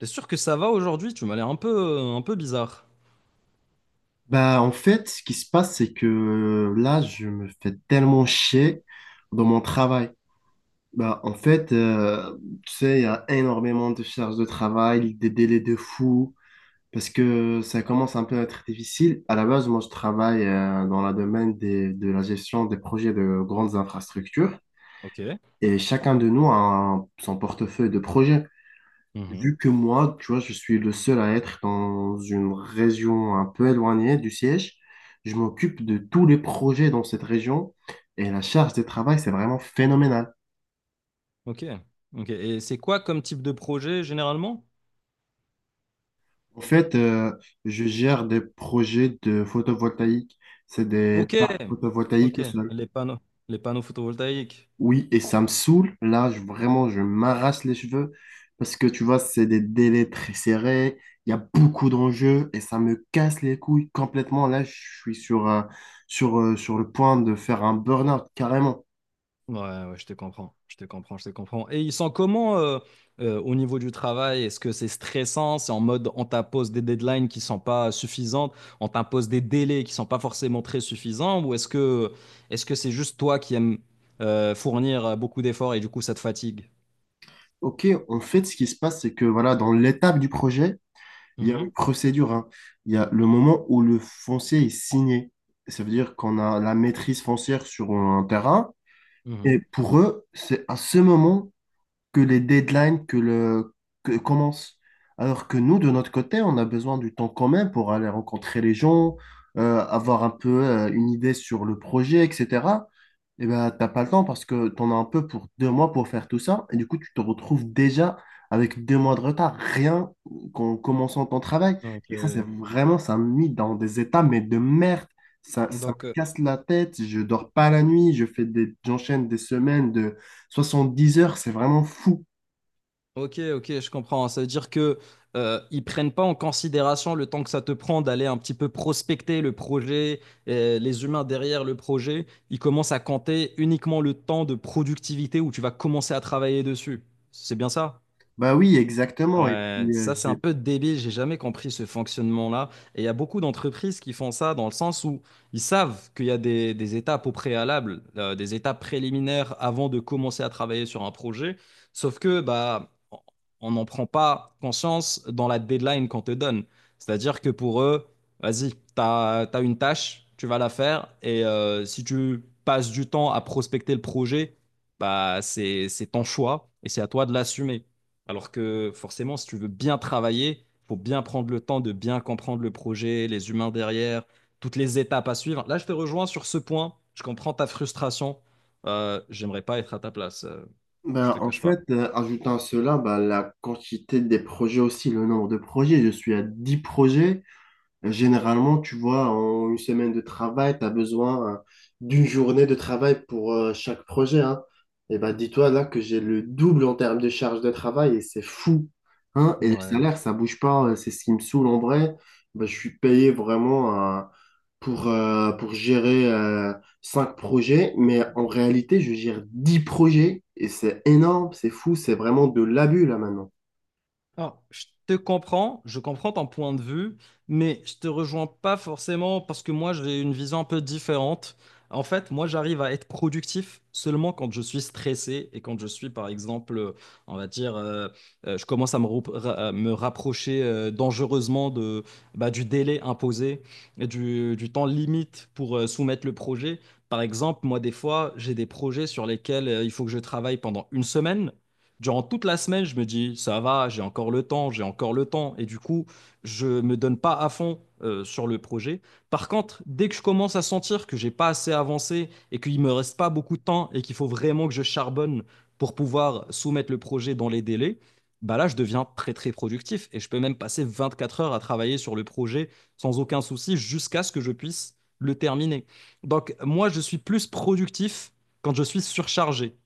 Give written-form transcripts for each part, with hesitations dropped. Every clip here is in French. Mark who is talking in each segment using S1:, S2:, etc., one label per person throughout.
S1: T'es sûr que ça va aujourd'hui? Tu m'as l'air un peu bizarre.
S2: Bah, en fait, ce qui se passe, c'est que là, je me fais tellement chier dans mon travail. Bah, en fait, tu sais, il y a énormément de charges de travail, des délais de fou, parce que ça commence un peu à être difficile. À la base, moi, je travaille dans la domaine de la gestion des projets de grandes infrastructures,
S1: Ok.
S2: et chacun de nous a son portefeuille de projets.
S1: Mhm.
S2: Vu que moi, tu vois, je suis le seul à être dans une région un peu éloignée du siège, je m'occupe de tous les projets dans cette région et la charge de travail, c'est vraiment phénoménal.
S1: Ok. Ok. Et c'est quoi comme type de projet généralement?
S2: En fait, je gère des projets de photovoltaïque. C'est des
S1: Ok.
S2: parcs photovoltaïques.
S1: Ok. Les panneaux, les panneaux photovoltaïques.
S2: Oui, et ça me saoule. Là, vraiment, je m'arrache les cheveux parce que tu vois, c'est des délais très serrés. Il y a beaucoup d'enjeux et ça me casse les couilles complètement. Là, je suis sur le point de faire un burn-out carrément.
S1: Ouais, ouais, je te comprends. Je te comprends. Je te comprends. Et ils sont comment au niveau du travail? Est-ce que c'est stressant? C'est en mode on t'impose des deadlines qui sont pas suffisantes, on t'impose des délais qui sont pas forcément très suffisants, ou est-ce que c'est juste toi qui aimes fournir beaucoup d'efforts et du coup ça te fatigue?
S2: OK, en fait, ce qui se passe, c'est que voilà, dans l'étape du projet, il y a une procédure, hein. Il y a le moment où le foncier est signé. Ça veut dire qu'on a la maîtrise foncière sur un terrain. Et
S1: Mhm.
S2: pour eux, c'est à ce moment que les deadlines que commencent. Alors que nous, de notre côté, on a besoin du temps quand même pour aller rencontrer les gens, avoir un peu une idée sur le projet, etc. Et ben, t'as pas le temps parce que tu en as un peu pour 2 mois pour faire tout ça. Et du coup, tu te retrouves déjà avec 2 mois de retard, rien qu'en commençant ton travail.
S1: Ok.
S2: Et ça, c'est vraiment, ça me met dans des états, mais de merde. Ça me
S1: Donc,
S2: casse la tête, je dors pas la nuit, je fais des, j'enchaîne des semaines de 70 heures, c'est vraiment fou.
S1: ok, ok, je comprends. Ça veut dire que ils prennent pas en considération le temps que ça te prend d'aller un petit peu prospecter le projet, les humains derrière le projet. Ils commencent à compter uniquement le temps de productivité où tu vas commencer à travailler dessus. C'est bien ça?
S2: Bah oui, exactement. Et
S1: Ouais,
S2: puis,
S1: ça c'est un peu débile, j'ai jamais compris ce fonctionnement-là. Et il y a beaucoup d'entreprises qui font ça dans le sens où ils savent qu'il y a des étapes au préalable, des étapes préliminaires avant de commencer à travailler sur un projet, sauf que bah on n'en prend pas conscience dans la deadline qu'on te donne. C'est-à-dire que pour eux, vas-y, t'as, t'as une tâche, tu vas la faire, et si tu passes du temps à prospecter le projet, bah c'est ton choix et c'est à toi de l'assumer. Alors que forcément, si tu veux bien travailler, il faut bien prendre le temps de bien comprendre le projet, les humains derrière, toutes les étapes à suivre. Là, je te rejoins sur ce point. Je comprends ta frustration. J'aimerais pas être à ta place. Je
S2: bah,
S1: te
S2: en
S1: cache pas.
S2: fait, ajoutant à cela bah, la quantité des projets aussi, le nombre de projets. Je suis à 10 projets. Généralement, tu vois, en une semaine de travail, tu as besoin d'une journée de travail pour chaque projet, hein. Et ben, dis-toi là que j'ai le double en termes de charge de travail et c'est fou, hein. Et le
S1: Ouais.
S2: salaire, ça bouge pas, c'est ce qui me saoule en vrai. Ben, je suis payé vraiment pour gérer cinq projets, mais en réalité, je gère 10 projets et c'est énorme, c'est fou, c'est vraiment de l'abus là maintenant.
S1: Alors, je te comprends, je comprends ton point de vue, mais je te rejoins pas forcément parce que moi, j'ai une vision un peu différente. En fait, moi, j'arrive à être productif seulement quand je suis stressé et quand je suis, par exemple, on va dire, je commence à me rapprocher dangereusement de, bah, du délai imposé, et du temps limite pour soumettre le projet. Par exemple, moi, des fois, j'ai des projets sur lesquels il faut que je travaille pendant une semaine. Durant toute la semaine, je me dis, ça va, j'ai encore le temps, j'ai encore le temps. Et du coup, je ne me donne pas à fond sur le projet. Par contre, dès que je commence à sentir que j'ai pas assez avancé et qu'il me reste pas beaucoup de temps et qu'il faut vraiment que je charbonne pour pouvoir soumettre le projet dans les délais, bah là, je deviens très, très productif. Et je peux même passer 24 heures à travailler sur le projet sans aucun souci jusqu'à ce que je puisse le terminer. Donc, moi, je suis plus productif quand je suis surchargé.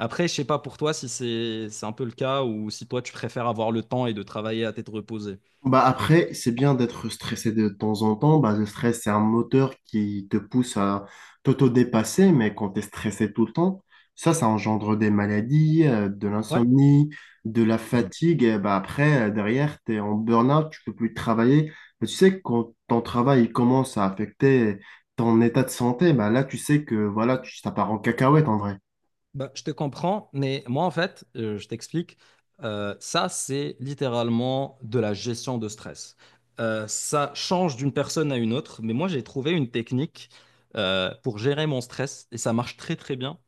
S1: Après, je sais pas pour toi si c'est un peu le cas ou si toi tu préfères avoir le temps et de travailler à tête reposée.
S2: Bah après, c'est bien d'être stressé de temps en temps. Bah, le stress, c'est un moteur qui te pousse à t'auto-dépasser, mais quand tu es stressé tout le temps, ça engendre des maladies, de
S1: Ouais.
S2: l'insomnie, de la
S1: Mm.
S2: fatigue. Et bah après, derrière, tu es en burn-out, tu peux plus travailler. Mais tu sais, que quand ton travail il commence à affecter ton état de santé, bah là, tu sais que voilà, tu, ça part en cacahuète en vrai.
S1: Bah, je te comprends, mais moi en fait, je t'explique, ça c'est littéralement de la gestion de stress. Ça change d'une personne à une autre, mais moi j'ai trouvé une technique pour gérer mon stress et ça marche très très bien.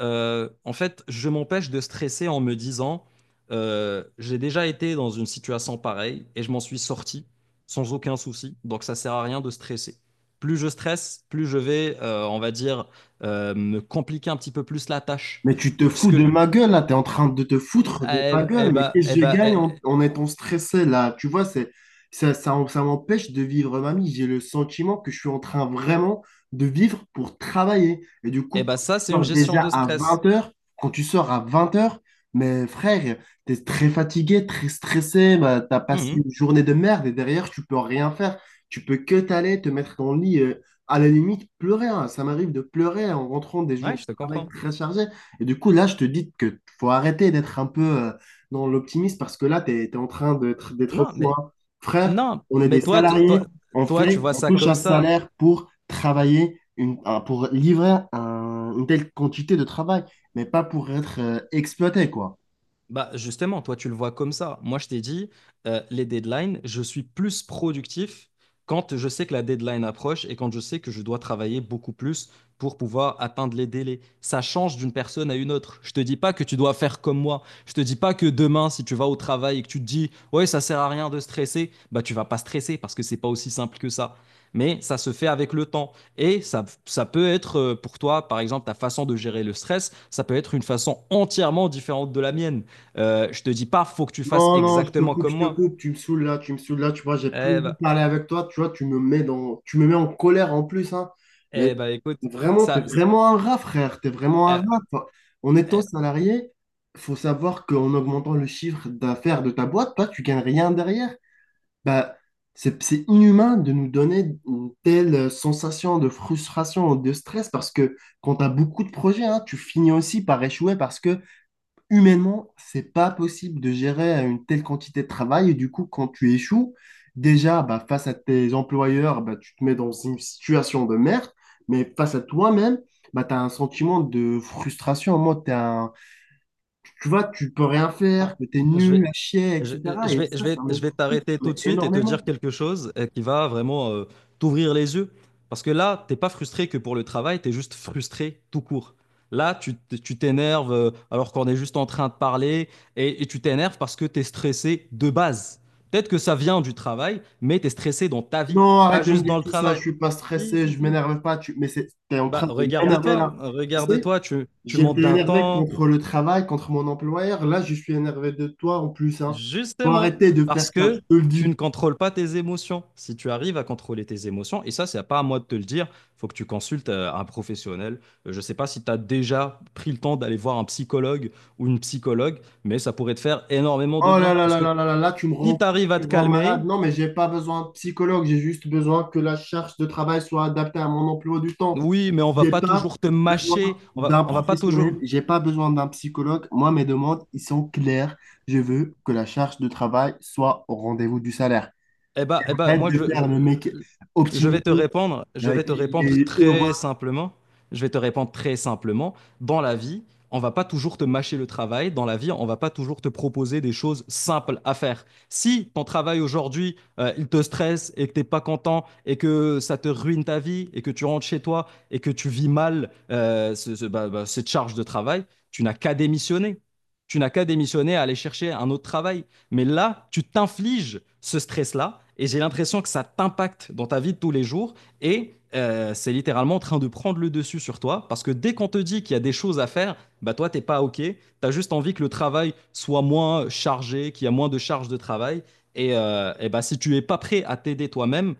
S1: En fait, je m'empêche de stresser en me disant, j'ai déjà été dans une situation pareille et je m'en suis sorti sans aucun souci. Donc, ça sert à rien de stresser. Plus je stresse, plus je vais, on va dire, me compliquer un petit peu plus la tâche.
S2: Mais tu te
S1: Donc,
S2: fous de ma gueule là, t'es en train de te
S1: Mm,
S2: foutre
S1: ah,
S2: de ma
S1: Eh, eh
S2: gueule, mais
S1: bah,
S2: qu'est-ce
S1: eh
S2: que je
S1: bah,
S2: gagne
S1: eh,
S2: en étant stressé là? Tu vois, c'est, ça m'empêche de vivre ma vie. J'ai le sentiment que je suis en train vraiment de vivre pour travailler. Et du coup,
S1: eh
S2: quand
S1: bah,
S2: tu
S1: ça, c'est une
S2: sors
S1: gestion
S2: déjà
S1: de
S2: à
S1: stress.
S2: 20 h, quand tu sors à 20 h, mais frère, t'es très fatigué, très stressé, bah, t'as passé
S1: Mhm.
S2: une journée de merde et derrière, tu peux rien faire. Tu peux que t'aller, te mettre dans le lit, à la limite, pleurer. Hein. Ça m'arrive de pleurer en rentrant des jours
S1: Ouais,
S2: de
S1: je te
S2: travail
S1: comprends.
S2: très chargés. Et du coup, là, je te dis que faut arrêter d'être un peu dans l'optimisme parce que là, tu es, en train d'être
S1: Non,
S2: fou.
S1: mais
S2: Hein. Frère,
S1: non,
S2: on est
S1: mais
S2: des
S1: toi, t-
S2: salariés,
S1: toi,
S2: on
S1: toi, tu
S2: fait,
S1: vois
S2: on
S1: ça
S2: touche
S1: comme
S2: un
S1: ça.
S2: salaire pour travailler, pour livrer une telle quantité de travail, mais pas pour être exploité, quoi.
S1: Bah justement, toi, tu le vois comme ça. Moi, je t'ai dit, les deadlines, je suis plus productif quand je sais que la deadline approche et quand je sais que je dois travailler beaucoup plus pour pouvoir atteindre les délais. Ça change d'une personne à une autre. Je te dis pas que tu dois faire comme moi. Je te dis pas que demain, si tu vas au travail et que tu te dis, ouais, ça sert à rien de stresser, bah tu vas pas stresser parce que c'est pas aussi simple que ça. Mais ça se fait avec le temps. Et ça peut être pour toi, par exemple, ta façon de gérer le stress, ça peut être une façon entièrement différente de la mienne. Je te dis pas, faut que tu fasses
S2: Non, non,
S1: exactement comme
S2: je te
S1: moi.
S2: coupe, tu me saoules là, tu me saoules là, tu vois, j'ai plus
S1: Eh
S2: envie de
S1: bah,
S2: parler avec toi, tu vois, tu me mets en colère en plus, hein. Mais
S1: eh bah, écoute,
S2: vraiment, t'es
S1: ça,
S2: vraiment un rat, frère, t'es vraiment un rat.
S1: eh-
S2: Enfin, en étant
S1: eh bah,
S2: salarié, faut savoir qu'en augmentant le chiffre d'affaires de ta boîte, toi, tu gagnes rien derrière. Bah, c'est inhumain de nous donner une telle sensation de frustration, de stress, parce que quand tu as beaucoup de projets, hein, tu finis aussi par échouer parce que humainement, c'est pas possible de gérer une telle quantité de travail. Et du coup, quand tu échoues, déjà, bah, face à tes employeurs, bah, tu te mets dans une situation de merde. Mais face à toi-même, bah, tu as un sentiment de frustration. En mode, tu vois, tu peux rien faire,
S1: ah,
S2: que tu es
S1: je
S2: nul à
S1: vais,
S2: chier,
S1: je,
S2: etc. Et
S1: je
S2: ça,
S1: vais,
S2: ça me
S1: je vais
S2: frustre
S1: t'arrêter tout
S2: mais
S1: de suite et te dire
S2: énormément.
S1: quelque chose qui va vraiment t'ouvrir les yeux. Parce que là, t'es pas frustré que pour le travail, t'es juste frustré tout court. Là, tu t'énerves alors qu'on est juste en train de parler et tu t'énerves parce que t'es stressé de base. Peut-être que ça vient du travail, mais t'es stressé dans ta vie,
S2: Non,
S1: pas
S2: arrête de me
S1: juste
S2: dire
S1: dans le
S2: tout ça, je
S1: travail.
S2: suis pas
S1: Si,
S2: stressé,
S1: si,
S2: je
S1: si.
S2: m'énerve pas. Tu... Mais c'est, t'es en
S1: Bah,
S2: train de m'énerver
S1: regarde-toi,
S2: là. Tu sais,
S1: regarde-toi, tu montes
S2: j'étais
S1: d'un
S2: énervé
S1: temps,
S2: contre le travail, contre mon employeur. Là, je suis énervé de toi en plus, hein. Faut
S1: justement,
S2: arrêter de faire
S1: parce
S2: ça, je
S1: que
S2: te le
S1: tu ne
S2: dis.
S1: contrôles pas tes émotions. Si tu arrives à contrôler tes émotions, et ça, c'est pas à moi de te le dire, faut que tu consultes un professionnel. Je sais pas si tu as déjà pris le temps d'aller voir un psychologue ou une psychologue, mais ça pourrait te faire énormément de
S2: Oh là
S1: bien.
S2: là
S1: Parce
S2: là
S1: que
S2: là là là là, tu me
S1: si
S2: rends
S1: tu
S2: fou,
S1: arrives à
S2: tu
S1: te
S2: me rends
S1: calmer,
S2: malade. Non, mais j'ai pas besoin de psychologue, j'ai juste besoin que la charge de travail soit adaptée à mon emploi du temps.
S1: oui, mais on va
S2: J'ai
S1: pas
S2: pas
S1: toujours te mâcher,
S2: besoin
S1: on va,
S2: d'un
S1: on va pas toujours.
S2: professionnel, j'ai pas besoin d'un psychologue. Moi, mes demandes, ils sont claires. Je veux que la charge de travail soit au rendez-vous du salaire.
S1: Eh ben,
S2: Arrête
S1: moi,
S2: de
S1: je, je,
S2: faire le mec
S1: je
S2: optimiste
S1: vais te répondre, je vais te
S2: qui
S1: répondre,
S2: est heureux.
S1: très simplement. Je vais te répondre très simplement. Dans la vie, on va pas toujours te mâcher le travail. Dans la vie, on va pas toujours te proposer des choses simples à faire. Si ton travail aujourd'hui, il te stresse et que t'es pas content et que ça te ruine ta vie et que tu rentres chez toi et que tu vis mal bah, bah, cette charge de travail, tu n'as qu'à démissionner. Tu n'as qu'à démissionner, à aller chercher un autre travail. Mais là, tu t'infliges ce stress-là et j'ai l'impression que ça t'impacte dans ta vie de tous les jours et c'est littéralement en train de prendre le dessus sur toi parce que dès qu'on te dit qu'il y a des choses à faire, bah toi, t'es pas OK. T'as juste envie que le travail soit moins chargé, qu'il y a moins de charge de travail. Et bah, si tu es pas prêt à t'aider toi-même,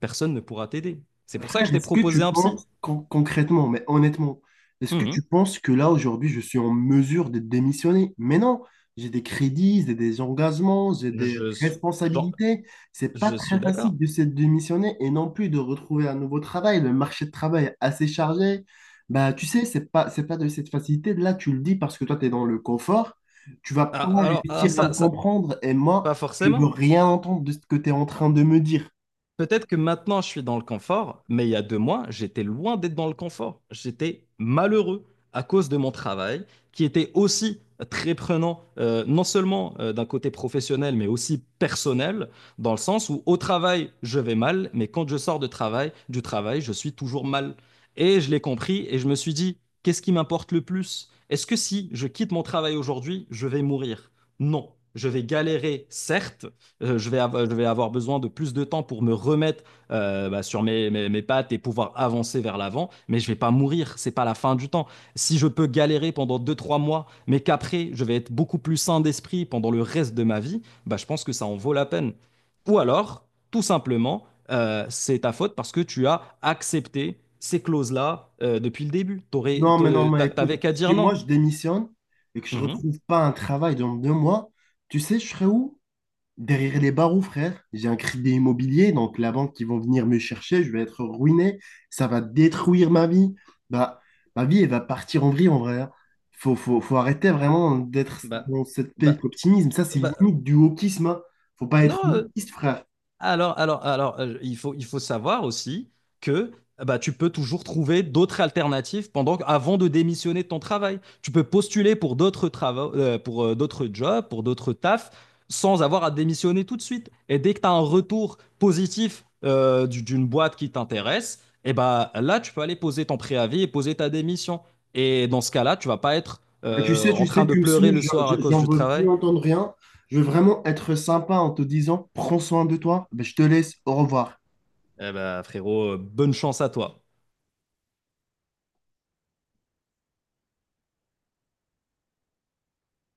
S1: personne ne pourra t'aider. C'est pour ça que je
S2: Frère,
S1: t'ai
S2: est-ce que
S1: proposé
S2: tu
S1: un psy.
S2: penses, concrètement, mais honnêtement, est-ce que
S1: Mhm.
S2: tu penses que là, aujourd'hui, je suis en mesure de démissionner? Mais non, j'ai des crédits, j'ai des engagements, j'ai des
S1: Je suis, genre,
S2: responsabilités. C'est pas
S1: je suis
S2: très
S1: d'accord.
S2: facile de se démissionner et non plus de retrouver un nouveau travail. Le marché de travail est assez chargé. Bah, tu sais, c'est pas de cette facilité. Là, tu le dis parce que toi, tu es dans le confort. Tu vas
S1: Ah,
S2: pas réussir à me comprendre et moi,
S1: pas
S2: je veux
S1: forcément.
S2: rien entendre de ce que tu es en train de me dire.
S1: Peut-être que maintenant je suis dans le confort, mais il y a 2 mois, j'étais loin d'être dans le confort. J'étais malheureux à cause de mon travail, qui était aussi très prenant, non seulement d'un côté professionnel, mais aussi personnel, dans le sens où au travail, je vais mal, mais quand je sors de travail, du travail, je suis toujours mal. Et je l'ai compris et je me suis dit, qu'est-ce qui m'importe le plus? Est-ce que si je quitte mon travail aujourd'hui, je vais mourir? Non, je vais galérer, certes, je vais avoir besoin de plus de temps pour me remettre bah, sur mes, mes, mes pattes et pouvoir avancer vers l'avant, mais je vais pas mourir, c'est pas la fin du temps. Si je peux galérer pendant deux trois mois, mais qu'après, je vais être beaucoup plus sain d'esprit pendant le reste de ma vie, bah, je pense que ça en vaut la peine. Ou alors, tout simplement, c'est ta faute parce que tu as accepté ces clauses-là depuis le début. T'aurais,
S2: Non, mais non,
S1: te-
S2: mais
S1: t'a-
S2: écoute,
S1: t'avais qu'à
S2: si
S1: dire
S2: moi
S1: non.
S2: je démissionne et que je
S1: Mhm.
S2: retrouve pas un travail dans 2 mois, tu sais, je serai où? Derrière les barreaux, frère. J'ai un crédit immobilier, donc la banque qui vont venir me chercher, je vais être ruiné, ça va détruire ma vie. Bah, ma vie, elle va partir en vrille en vrai. Hein. Faut arrêter vraiment d'être
S1: Bah,
S2: dans cette
S1: bah,
S2: pays optimisme. Ça, c'est
S1: bah,
S2: limite du wokisme. Hein. Faut pas être
S1: non,
S2: wokiste, frère.
S1: Alors, il faut savoir aussi que bah, tu peux toujours trouver d'autres alternatives pendant, avant de démissionner de ton travail. Tu peux postuler pour d'autres travaux, pour d'autres jobs, pour d'autres tafs, sans avoir à démissionner tout de suite. Et dès que tu as un retour positif d'une boîte qui t'intéresse, et bah, là, tu peux aller poser ton préavis et poser ta démission. Et dans ce cas-là, tu vas pas être
S2: Bah, tu sais,
S1: en
S2: tu
S1: train
S2: sais,
S1: de
S2: tu me
S1: pleurer
S2: saoules,
S1: le soir à cause
S2: j'en
S1: du
S2: veux
S1: travail.
S2: plus entendre rien. Je veux vraiment être sympa en te disant, prends soin de toi. Bah, je te laisse, au revoir.
S1: Eh bah, frérot, bonne chance à toi.